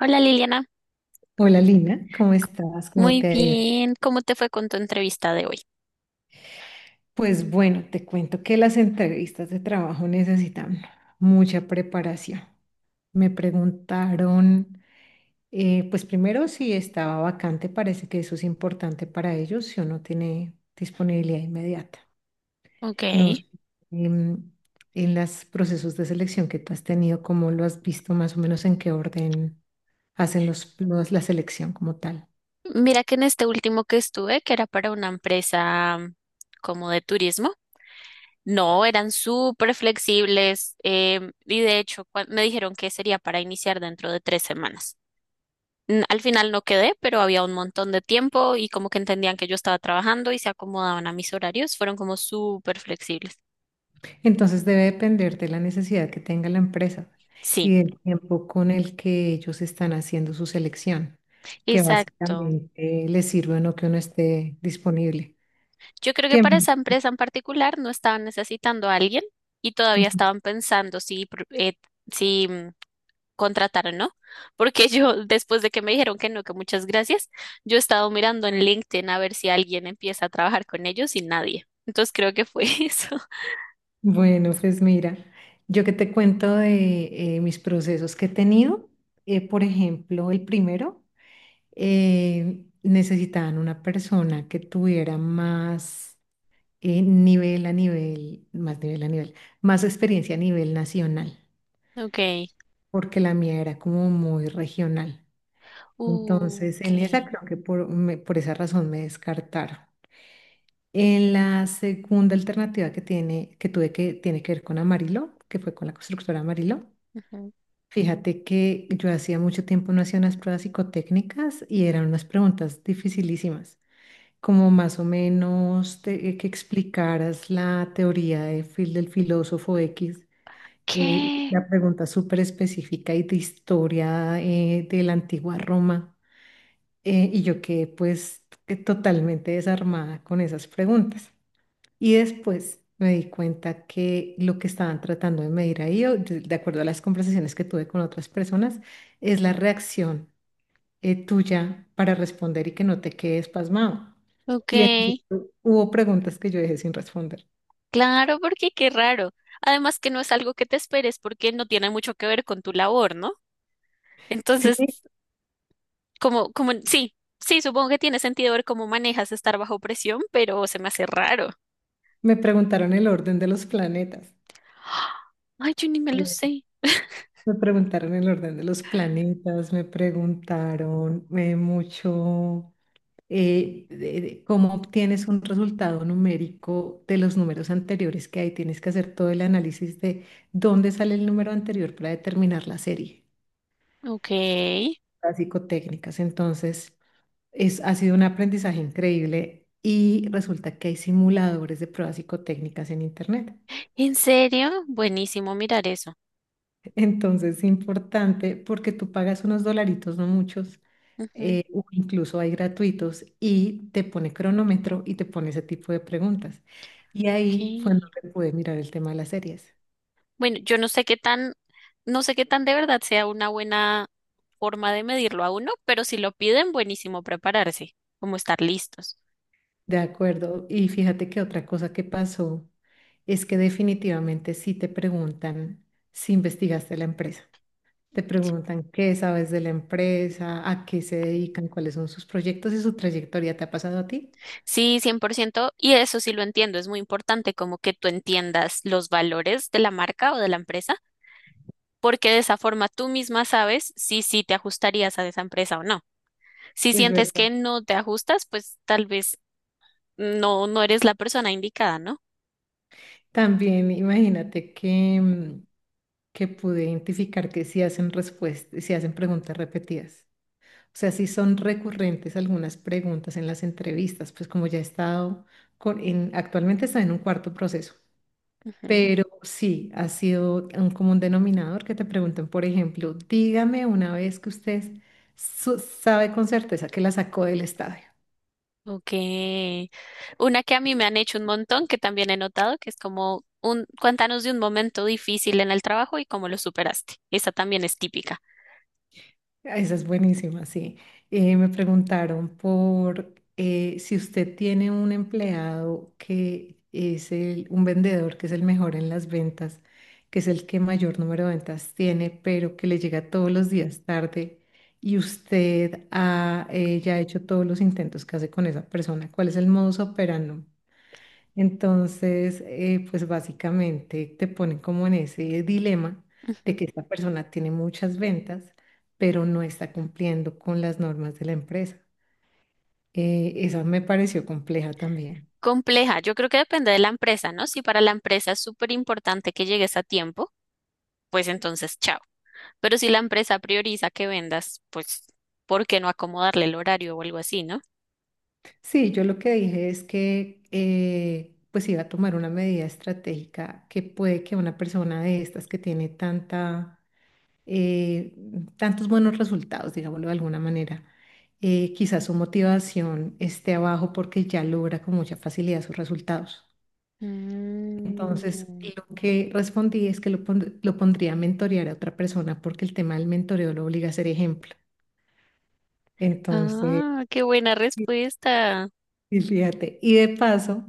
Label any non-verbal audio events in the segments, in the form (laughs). Hola Liliana, Hola Lina, ¿cómo estás? ¿Cómo muy te ha ido? bien. ¿Cómo te fue con tu entrevista de hoy? Pues bueno, te cuento que las entrevistas de trabajo necesitan mucha preparación. Me preguntaron, pues primero si estaba vacante, parece que eso es importante para ellos, si uno tiene disponibilidad inmediata. Ok, No sé, em, en los procesos de selección que tú has tenido, ¿cómo lo has visto más o menos en qué orden hacen la selección como tal? mira que en este último que estuve, que era para una empresa como de turismo, no, eran súper flexibles, y de hecho me dijeron que sería para iniciar dentro de 3 semanas. Al final no quedé, pero había un montón de tiempo y como que entendían que yo estaba trabajando y se acomodaban a mis horarios, fueron como súper flexibles. Entonces debe depender de la necesidad que tenga la empresa Sí, y del tiempo con el que ellos están haciendo su selección, que exacto. básicamente les sirve o no que uno esté disponible. Yo creo que ¿Qué para más? esa empresa en particular no estaban necesitando a alguien y todavía Ujú. estaban pensando si contratar o no, porque (laughs) yo, después de que me dijeron que no, que muchas gracias, yo he estado mirando en LinkedIn a ver si alguien empieza a trabajar con ellos y nadie. Entonces creo que fue (laughs) eso. Bueno, pues mira, yo que te cuento de mis procesos que he tenido, por ejemplo, el primero, necesitaban una persona que tuviera más más nivel a nivel, más experiencia a nivel nacional, Okay. porque la mía era como muy regional. Entonces, en esa Ok. creo que por esa razón me descartaron. En la segunda alternativa que tuve, que tiene que ver con Amarillo, que fue con la constructora Amarillo. Ujú. Fíjate que yo hacía mucho tiempo no hacía unas pruebas psicotécnicas y eran unas preguntas dificilísimas, como más o menos que explicaras la teoría del filósofo X, ¿Qué? la pregunta súper específica y de historia, de la antigua Roma. Y yo quedé pues que totalmente desarmada con esas preguntas. Y después me di cuenta que lo que estaban tratando de medir ahí, de acuerdo a las conversaciones que tuve con otras personas, es la reacción tuya para responder y que no te quedes pasmado. Y en Okay. efecto, hubo preguntas que yo dejé sin responder. Claro, porque qué raro. Además que no es algo que te esperes porque no tiene mucho que ver con tu labor, ¿no? Sí, Entonces como, sí, sí, supongo que tiene sentido ver cómo manejas estar bajo presión, pero se me hace raro. me preguntaron el orden de los planetas. Ay, yo ni me lo Sí. sé. Me preguntaron el orden de los planetas, me preguntaron mucho, de cómo obtienes un resultado numérico de los números anteriores que hay. Tienes que hacer todo el análisis de dónde sale el número anterior para determinar la serie, Ok. las psicotécnicas. Entonces, ha sido un aprendizaje increíble y resulta que hay simuladores de pruebas psicotécnicas en Internet. ¿En serio? Buenísimo mirar eso. Entonces es importante porque tú pagas unos dolaritos, no muchos, Ujú. O incluso hay gratuitos, y te pone cronómetro y te pone ese tipo de preguntas. Y Ok. ahí fue en donde pude mirar el tema de las series. Bueno, yo no sé qué tan, no sé qué tan de verdad sea una buena forma de medirlo a uno, pero si lo piden, buenísimo prepararse, como estar listos. De acuerdo. Y fíjate que otra cosa que pasó es que definitivamente sí te preguntan si investigaste la empresa. Te preguntan qué sabes de la empresa, a qué se dedican, cuáles son sus proyectos y su trayectoria. ¿Te ha pasado a ti? Sí, 100%. Y eso sí lo entiendo, es muy importante como que tú entiendas los valores de la marca o de la empresa porque de esa forma tú misma sabes si sí te ajustarías a esa empresa o no. Si Es sientes verdad. que no te ajustas, pues tal vez no, no eres la persona indicada, ¿no? También imagínate que, que pude identificar que si hacen preguntas repetidas. O sea, si son recurrentes algunas preguntas en las entrevistas, pues como ya he estado actualmente está en un cuarto proceso, Ujú. pero sí ha sido un común denominador que te pregunten, por ejemplo, dígame una vez que usted sabe con certeza que la sacó del estadio. Ok. Una que a mí me han hecho un montón, que también he notado, que es como un, cuéntanos de un momento difícil en el trabajo y cómo lo superaste. Esa también es típica. Ah, esa es buenísima, sí. Me preguntaron por si usted tiene un empleado un vendedor que es el mejor en las ventas, que es el que mayor número de ventas tiene, pero que le llega todos los días tarde y usted ha ya hecho todos los intentos que hace con esa persona. ¿Cuál es el modus operandi? Entonces, pues básicamente te ponen como en ese dilema de Ujú. que esta persona tiene muchas ventas, pero no está cumpliendo con las normas de la empresa. Esa me pareció compleja también. Compleja. Yo creo que depende de la empresa, ¿no? Si para la empresa es súper importante que llegues a tiempo, pues entonces chao. Pero si la empresa prioriza que vendas, pues, ¿por qué no acomodarle el horario o algo así, no? Sí, yo lo que dije es que pues iba a tomar una medida estratégica, que puede que una persona de estas que tiene tanta eh, tantos buenos resultados, digámoslo de alguna manera. Quizás su motivación esté abajo porque ya logra con mucha facilidad sus resultados. Entonces, Mm. lo que respondí es que lo pondría a mentorear a otra persona porque el tema del mentoreo lo obliga a ser ejemplo. Entonces, Ah, qué buena sí, respuesta. y fíjate,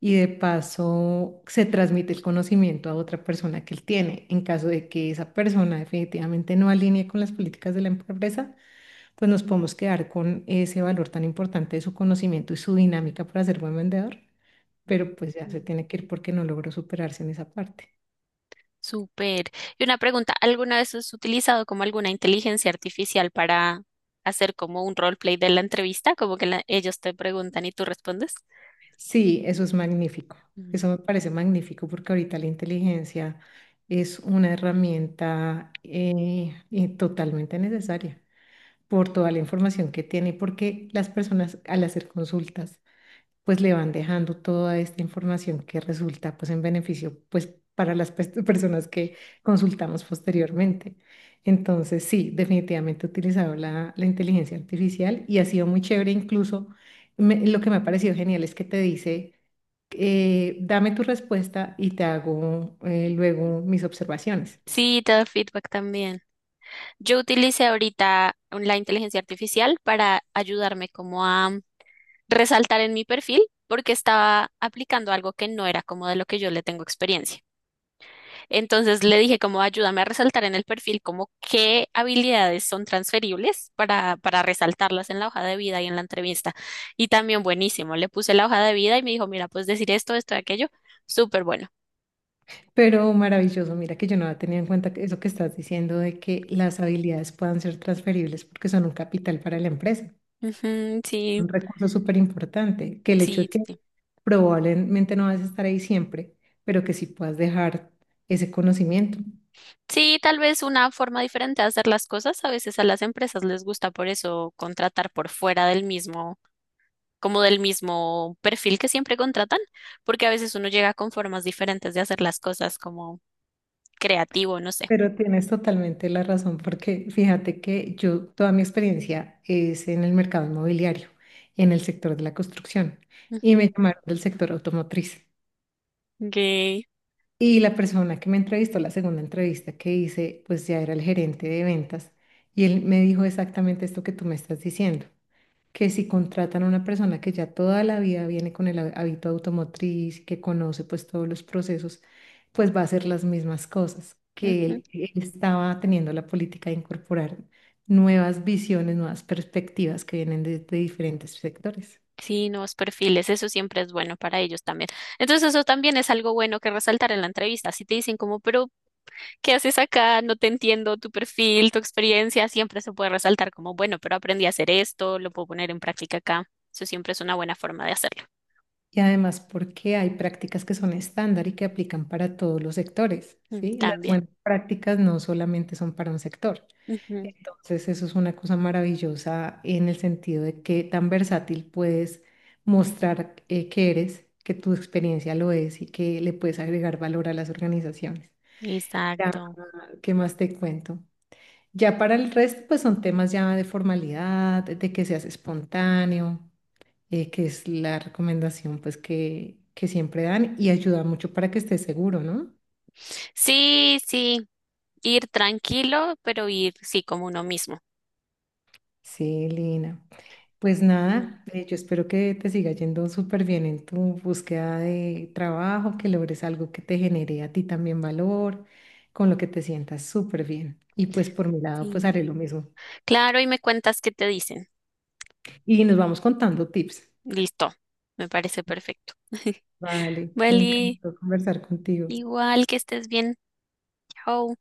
y de paso se transmite el conocimiento a otra persona que él tiene. En caso de que esa persona definitivamente no alinee con las políticas de la empresa, pues nos podemos quedar con ese valor tan importante de su conocimiento y su dinámica para ser buen vendedor, Ujú. pero pues ya se tiene que ir porque no logró superarse en esa parte. Súper. Y una pregunta, ¿alguna vez has utilizado como alguna inteligencia artificial para hacer como un roleplay de la entrevista? Como que ellos te preguntan y tú respondes. Sí, eso es magnífico. Mm. Eso me parece magnífico porque ahorita la inteligencia es una herramienta totalmente necesaria por toda la información que tiene, porque las personas al hacer consultas pues le van dejando toda esta información que resulta pues en beneficio, pues para las (laughs) personas que consultamos posteriormente. Entonces, sí, definitivamente he utilizado la inteligencia artificial y ha sido muy chévere incluso. Lo que me ha parecido genial es que te dice, dame tu respuesta y te hago, luego mis observaciones. Sí, te da feedback también. Yo utilicé ahorita la inteligencia artificial para ayudarme como a resaltar en mi perfil porque estaba aplicando algo que no era como de lo que yo le tengo experiencia. Entonces le dije como ayúdame a resaltar en el perfil como qué habilidades son transferibles para resaltarlas en la hoja de vida y en la entrevista. Y también buenísimo, le puse la hoja de vida y me dijo, mira, pues decir esto, esto y aquello, súper bueno. Pero maravilloso, mira que yo no había tenido en cuenta que eso que estás diciendo de que las habilidades puedan ser transferibles porque son un capital para la empresa, Ujú, sí, un recurso súper importante, que el hecho sí, de sí, que sí. probablemente no vas a estar ahí siempre, pero que sí puedas dejar ese conocimiento. Sí, tal vez una forma diferente de hacer las cosas. A veces a las empresas les gusta por eso contratar por fuera del mismo, como del mismo perfil que siempre contratan, porque a veces uno llega con formas diferentes de hacer las cosas, como creativo, no sé. Pero tienes totalmente la razón, porque fíjate que yo, toda mi experiencia es en el mercado inmobiliario, en el sector de la construcción, y me Ujú. llamaron del sector automotriz. Gay. Y la persona que me entrevistó, la segunda entrevista que hice, pues ya era el gerente de ventas, y él me dijo exactamente esto que tú me estás diciendo, que si contratan a una persona que ya toda la vida viene con el hábito automotriz, que conoce pues todos los procesos, pues va a hacer las mismas cosas, que Ujú. Él estaba teniendo la política de incorporar nuevas visiones, nuevas perspectivas que vienen de diferentes sectores. Sí, nuevos perfiles, eso siempre es bueno para ellos también. Entonces, eso también es algo bueno que resaltar en la entrevista. Si te dicen como, pero, ¿qué haces acá? No te entiendo tu perfil, tu experiencia, siempre se puede resaltar como, bueno, pero aprendí a hacer esto, lo puedo poner en práctica acá. Eso siempre es una buena forma de hacerlo. Y además porque hay prácticas que son estándar y que aplican para todos los sectores, Mm. ¿sí? Las También. buenas prácticas no solamente son para un sector. Ujú. Entonces, eso es una cosa maravillosa en el sentido de que tan versátil puedes mostrar, que eres, que tu experiencia lo es y que le puedes agregar valor a las organizaciones. Ya, Exacto. ¿qué más te cuento? Ya para el resto, pues son temas ya de formalidad, de que seas espontáneo, que es la recomendación pues que siempre dan y ayuda mucho para que estés seguro, ¿no? Sí, sí. Ir tranquilo, pero ir, sí, como uno mismo. Sí, Lina. Pues No. nada, yo espero que te siga yendo súper bien en tu búsqueda de trabajo, que logres algo que te genere a ti también valor, con lo que te sientas súper bien. Y pues por mi lado, pues Sí. haré lo mismo. Claro, y me cuentas qué te dicen. Y nos vamos contando tips. Listo, me parece perfecto. (laughs) Vale, me Vale, encantó conversar contigo. igual que estés bien. Chao.